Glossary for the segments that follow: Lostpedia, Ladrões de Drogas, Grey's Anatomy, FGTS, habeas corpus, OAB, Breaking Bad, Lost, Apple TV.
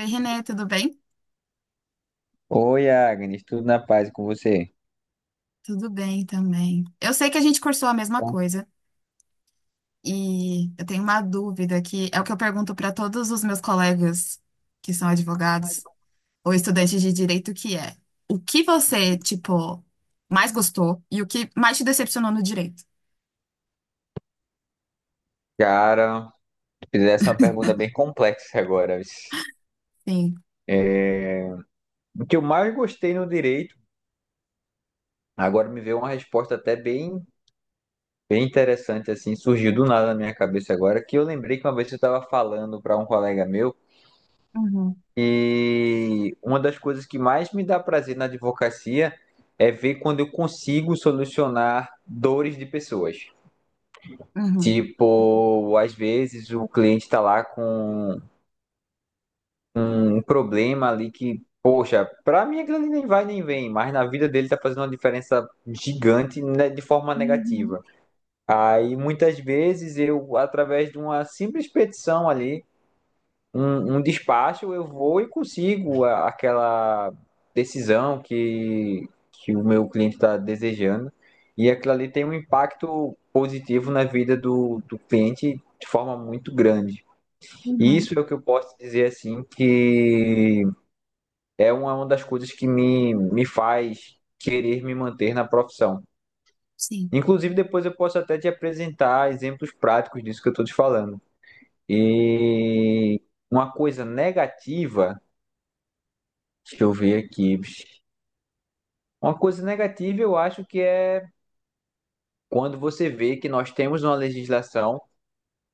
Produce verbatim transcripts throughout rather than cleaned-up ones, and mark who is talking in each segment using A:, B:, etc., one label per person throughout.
A: Oi, Renê, tudo bem?
B: Oi, Agnes, tudo na paz e com você?
A: Tudo bem também. Eu sei que a gente cursou a mesma
B: Bom,
A: coisa e eu tenho uma dúvida que é o que eu pergunto para todos os meus colegas que são advogados ou estudantes de direito, que é: o que você, tipo, mais gostou e o que mais te decepcionou no direito?
B: cara, fizesse uma pergunta bem complexa agora.
A: Sim.
B: O que eu mais gostei no direito, agora me veio uma resposta até bem, bem interessante, assim, surgiu do nada na minha cabeça agora, que eu lembrei que uma vez eu estava falando para um colega meu
A: Uhum.
B: e uma das coisas que mais me dá prazer na advocacia é ver quando eu consigo solucionar dores de pessoas.
A: Uhum.
B: Tipo, às vezes o cliente está lá com um problema ali que, poxa, pra mim aquilo ali nem vai nem vem, mas na vida dele tá fazendo uma diferença gigante, né, de forma
A: Uhum.
B: negativa. Aí muitas vezes eu, através de uma simples petição ali, um, um despacho, eu vou e consigo a- aquela decisão que, que o meu cliente está desejando. E aquilo ali tem um impacto positivo na vida do, do cliente de forma muito grande. E
A: Uhum.
B: isso é o que eu posso dizer assim que é uma, uma das coisas que me, me faz querer me manter na profissão.
A: Sim.
B: Inclusive, depois eu posso até te apresentar exemplos práticos disso que eu estou te falando. E uma coisa negativa, deixa eu ver aqui. Uma coisa negativa eu acho que é quando você vê que nós temos uma legislação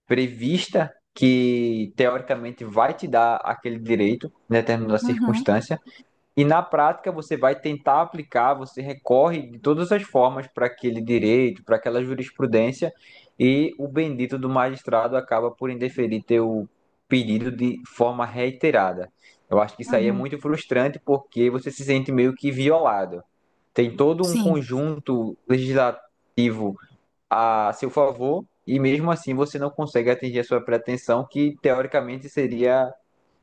B: prevista que teoricamente vai te dar aquele direito em determinada
A: Uhum.
B: circunstância, e na prática você vai tentar aplicar, você recorre de todas as formas para aquele direito, para aquela jurisprudência, e o bendito do magistrado acaba por indeferir teu pedido de forma reiterada. Eu acho que isso aí é
A: Uhum.
B: muito frustrante porque você se sente meio que violado. Tem todo um
A: Sim.
B: conjunto legislativo a seu favor e mesmo assim você não consegue atingir a sua pretensão, que teoricamente seria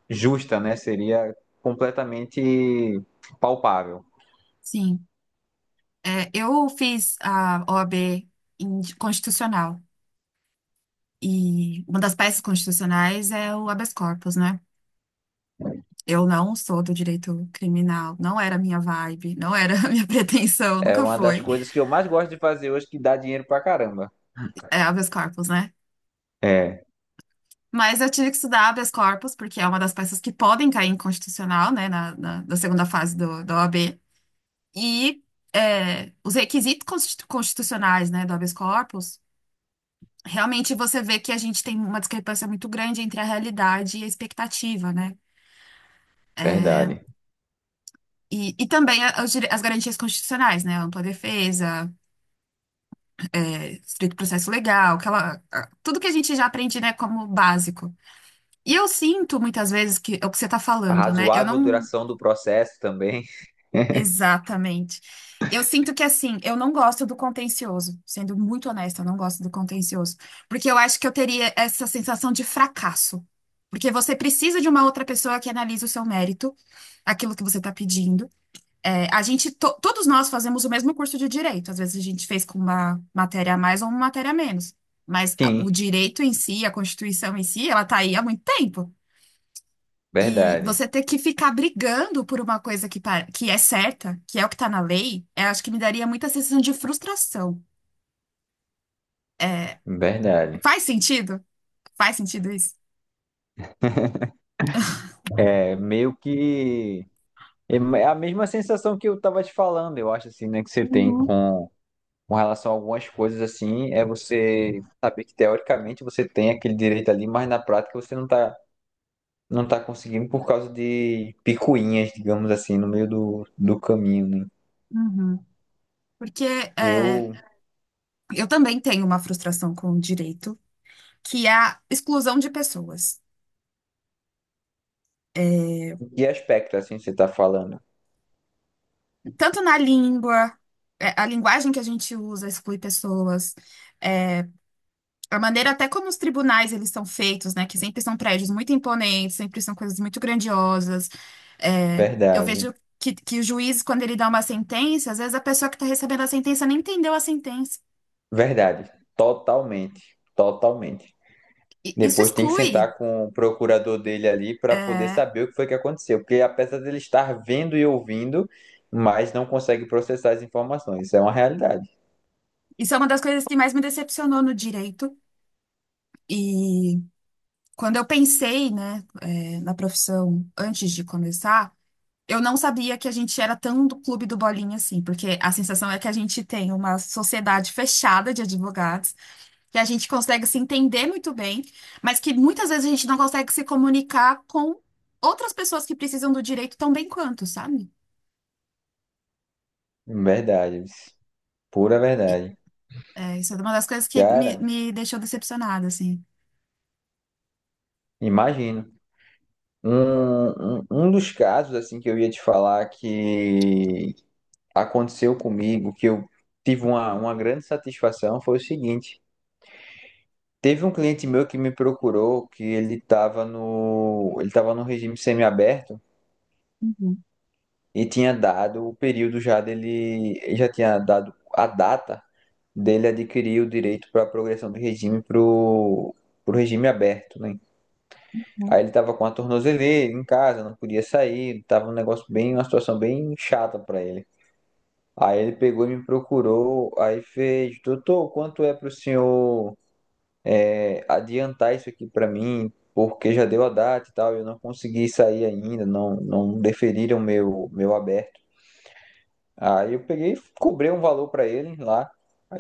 B: justa, né? Seria completamente palpável.
A: Sim. É, eu fiz a O A B em constitucional. E uma das peças constitucionais é o habeas corpus, né? Eu não sou do direito criminal, não era a minha vibe, não era a minha pretensão,
B: É
A: nunca
B: uma das
A: foi.
B: coisas que eu mais gosto de fazer hoje, que dá dinheiro pra caramba.
A: É habeas corpus, né?
B: É,
A: Mas eu tive que estudar habeas corpus, porque é uma das peças que podem cair inconstitucional, né, na, na, na segunda fase do, da O A B. E é, os requisitos constitu- constitucionais, né, do habeas corpus, realmente você vê que a gente tem uma discrepância muito grande entre a realidade e a expectativa, né?
B: verdade.
A: E, e também a- os dire- as garantias constitucionais, né? Ampla defesa, é, estrito processo legal, aquela, a- tudo que a gente já aprende, né, como básico. E eu sinto muitas vezes que é o que você está
B: A
A: falando, né? Eu
B: razoável
A: não.
B: duração do processo também.
A: Exatamente. Eu sinto que, assim, eu não gosto do contencioso. Sendo muito honesta, eu não gosto do contencioso. Porque eu acho que eu teria essa sensação de fracasso. Porque você precisa de uma outra pessoa que analise o seu mérito, aquilo que você está pedindo. É, a gente, to- todos nós fazemos o mesmo curso de direito. Às vezes a gente fez com uma matéria a mais ou uma matéria a menos. Mas a- o
B: Sim,
A: direito em si, a Constituição em si, ela tá aí há muito tempo. E
B: verdade.
A: você ter que ficar brigando por uma coisa que, pa- que é certa, que é o que tá na lei, eu acho que me daria muita sensação de frustração.
B: Verdade.
A: Faz sentido? Faz sentido isso?
B: É meio que. É a mesma sensação que eu tava te falando, eu acho, assim, né? Que você tem com, com relação a algumas coisas, assim, é você saber que teoricamente você tem aquele direito ali, mas na prática você não tá não tá conseguindo por causa de picuinhas, digamos assim, no meio do, do caminho, né?
A: Uhum. Porque é,
B: Eu,
A: eu também tenho uma frustração com o direito, que é a exclusão de pessoas.
B: em que aspecto assim você tá falando?
A: Tanto na língua, é, a linguagem que a gente usa exclui pessoas, é, a maneira até como os tribunais eles são feitos, né? Que sempre são prédios muito imponentes, sempre são coisas muito grandiosas. É, eu
B: Verdade,
A: vejo que, que o juiz, quando ele dá uma sentença, às vezes a pessoa que está recebendo a sentença nem entendeu a sentença.
B: verdade, totalmente, totalmente.
A: E isso
B: Depois tem que
A: exclui.
B: sentar com o procurador dele ali para poder
A: É,
B: saber o que foi que aconteceu, porque apesar dele estar vendo e ouvindo, mas não consegue processar as informações. Isso é uma realidade.
A: isso é uma das coisas que mais me decepcionou no direito. E quando eu pensei, né, é, na profissão antes de começar, eu não sabia que a gente era tão do clube do bolinha assim, porque a sensação é que a gente tem uma sociedade fechada de advogados, que a gente consegue se entender muito bem, mas que muitas vezes a gente não consegue se comunicar com outras pessoas que precisam do direito tão bem quanto, sabe?
B: Verdade, pura
A: E,
B: verdade.
A: é, isso é uma das coisas que me,
B: Cara,
A: me deixou decepcionada, assim.
B: imagino. Um, um, um dos casos assim que eu ia te falar que aconteceu comigo, que eu tive uma, uma grande satisfação, foi o seguinte. Teve um cliente meu que me procurou que ele estava no, ele estava no regime semiaberto
A: Uhum.
B: e tinha dado o período já dele, ele já tinha dado a data dele adquirir o direito para a progressão de regime para o regime aberto, né? Aí ele tava com a tornozeleira em casa, não podia sair, tava um negócio bem, uma situação bem chata pra ele. Aí ele pegou e me procurou, aí fez, doutor, quanto é pro senhor é, adiantar isso aqui pra mim? Porque já deu a data e tal, eu não consegui sair ainda, não, não deferiram meu meu aberto. Aí eu peguei e cobrei um valor pra ele lá.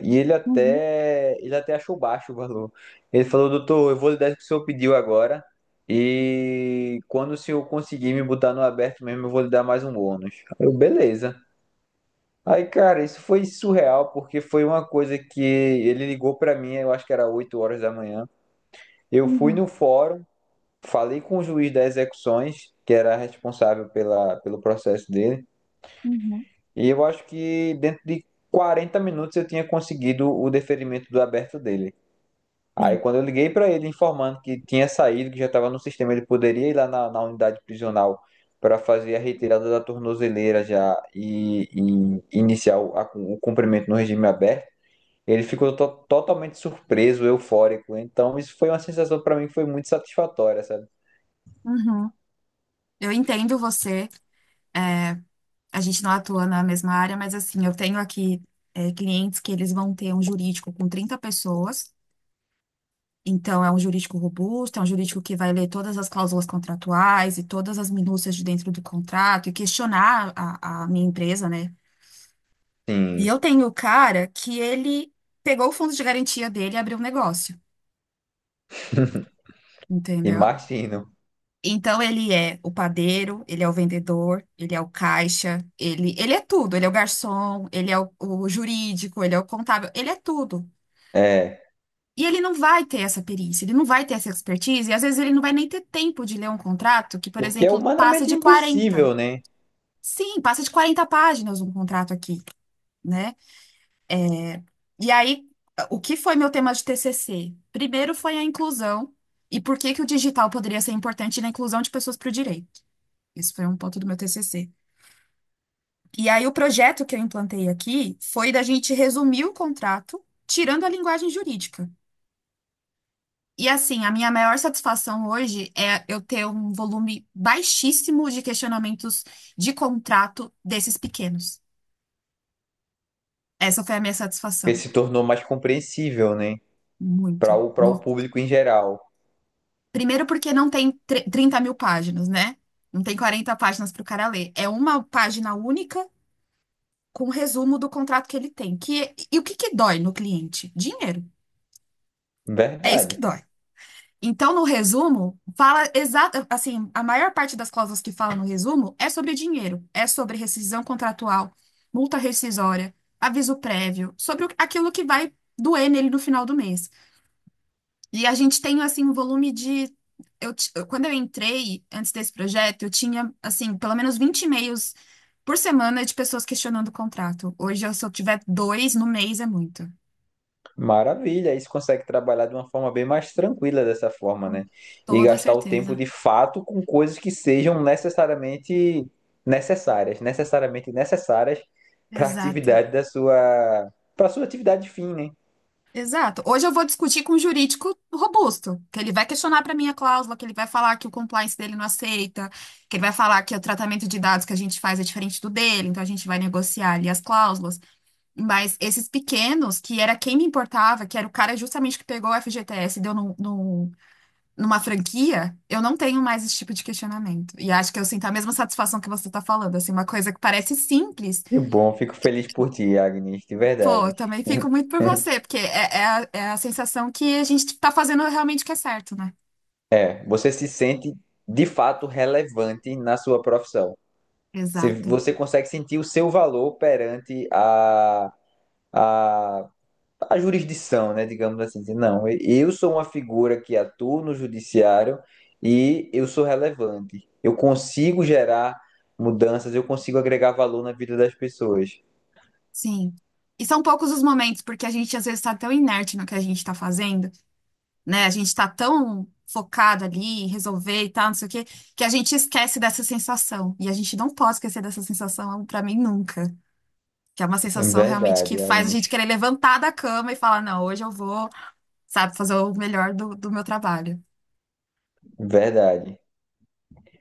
B: E ele
A: Uhum.
B: até, ele até achou baixo o valor. Ele falou, doutor, eu vou lhe dar o que o senhor pediu agora. E quando o senhor conseguir me botar no aberto mesmo, eu vou lhe dar mais um bônus. Eu, beleza. Aí, cara, isso foi surreal, porque foi uma coisa que ele ligou pra mim, eu acho que era oito horas da manhã. Eu fui
A: Uhum.
B: no fórum, falei com o juiz das execuções, que era responsável pela, pelo processo dele.
A: Uhum.
B: E eu acho que dentro de quarenta minutos eu tinha conseguido o deferimento do aberto dele. Aí
A: Sim.
B: quando eu liguei para ele informando que tinha saído, que já estava no sistema, ele poderia ir lá na, na unidade prisional para fazer a retirada da tornozeleira já e, e iniciar o, a- o cumprimento no regime aberto. Ele ficou to- totalmente surpreso, eufórico. Então isso foi uma sensação para mim que foi muito satisfatória, sabe?
A: Uhum. Eu entendo você. É, a gente não atua na mesma área, mas assim, eu tenho aqui é, clientes que eles vão ter um jurídico com trinta pessoas, então é um jurídico robusto, é um jurídico que vai ler todas as cláusulas contratuais e todas as minúcias de dentro do contrato e questionar a, a minha empresa, né? E
B: Sim,
A: eu tenho o cara que ele pegou o fundo de garantia dele e abriu um negócio, entendeu?
B: imagino.
A: Então ele é o padeiro, ele é o vendedor, ele é o caixa, ele, ele é tudo, ele é o garçom, ele é o, o jurídico, ele é o contábil, ele é tudo.
B: É,
A: E ele não vai ter essa perícia, ele não vai ter essa expertise, e às vezes ele não vai nem ter tempo de ler um contrato que, por
B: porque é
A: exemplo, passa
B: humanamente
A: de quarenta.
B: impossível, né?
A: Sim, passa de quarenta páginas um contrato aqui, né? É, e aí, o que foi meu tema de T C C? Primeiro foi a inclusão e por que que o digital poderia ser importante na inclusão de pessoas para o direito. Isso foi um ponto do meu T C C. E aí, o projeto que eu implantei aqui foi da gente resumir o contrato, tirando a linguagem jurídica. E assim, a minha maior satisfação hoje é eu ter um volume baixíssimo de questionamentos de contrato desses pequenos. Essa foi a minha
B: Porque
A: satisfação.
B: se tornou mais compreensível, né? Para
A: Muito.
B: o, para o
A: No-
B: público em geral.
A: Primeiro porque não tem tre- 30 mil páginas, né? Não tem quarenta páginas para o cara ler. É uma página única com resumo do contrato que ele tem. Que... E o que que dói no cliente? Dinheiro. É isso que
B: Verdade.
A: dói. Então, no resumo, fala exato, assim, a maior parte das cláusulas que fala no resumo é sobre dinheiro, é sobre rescisão contratual, multa rescisória, aviso prévio, sobre o- aquilo que vai doer nele no final do mês. E a gente tem assim um volume de eu, ti- eu- quando eu entrei antes desse projeto, eu tinha assim, pelo menos vinte e-mails por semana de pessoas questionando o contrato. Hoje, eu- se eu tiver dois no mês é muito.
B: Maravilha. Aí você consegue trabalhar de uma forma bem mais tranquila dessa forma,
A: Com
B: né? E
A: toda
B: gastar o tempo
A: certeza.
B: de fato com coisas que sejam necessariamente necessárias, necessariamente necessárias para a
A: Exato.
B: atividade da sua, para sua atividade fim, né?
A: Exato. Hoje eu vou discutir com um jurídico robusto, que ele vai questionar para mim a cláusula, que ele vai falar que o compliance dele não aceita, que ele vai falar que o tratamento de dados que a gente faz é diferente do dele, então a gente vai negociar ali as cláusulas. Mas esses pequenos, que era quem me importava, que era o cara justamente que pegou o F G T S e deu no, no- numa franquia, eu não tenho mais esse tipo de questionamento. E acho que eu sinto a mesma satisfação que você está falando, assim, uma coisa que parece simples.
B: Que bom, fico feliz por ti, Agnes, de
A: Pô,
B: verdade.
A: eu também fico muito por você, porque é, é a, é a sensação que a gente tá fazendo realmente o que é certo, né?
B: É, você se sente de fato relevante na sua profissão. Você,
A: Exato.
B: você consegue sentir o seu valor perante a, a, a jurisdição, né? Digamos assim, dizer, não, eu sou uma figura que atua no judiciário e eu sou relevante. Eu consigo gerar mudanças, eu consigo agregar valor na vida das pessoas.
A: Sim. E são poucos os momentos, porque a gente às vezes tá tão inerte no que a gente tá fazendo, né? A gente tá tão focado ali, em resolver e tal, não sei o quê, que a gente esquece dessa sensação. E a gente não pode esquecer dessa sensação, pra mim, nunca. Que é uma
B: É
A: sensação realmente que
B: verdade,
A: faz a
B: Agnes.
A: gente querer levantar da cama e falar, não, hoje eu vou, sabe, fazer o melhor do, do meu trabalho.
B: Verdade.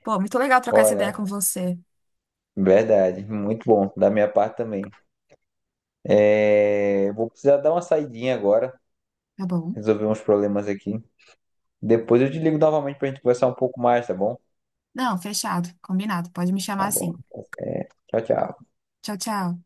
A: Pô, muito legal trocar essa ideia
B: Olha,
A: com você.
B: verdade. Muito bom, da minha parte também. É, vou precisar dar uma saidinha agora,
A: Tá bom.
B: resolver uns problemas aqui. Depois eu te ligo novamente para a gente conversar um pouco mais, tá bom?
A: Não, fechado, combinado. Pode me chamar
B: Tá bom.
A: assim.
B: É, tchau, tchau.
A: Tchau, tchau.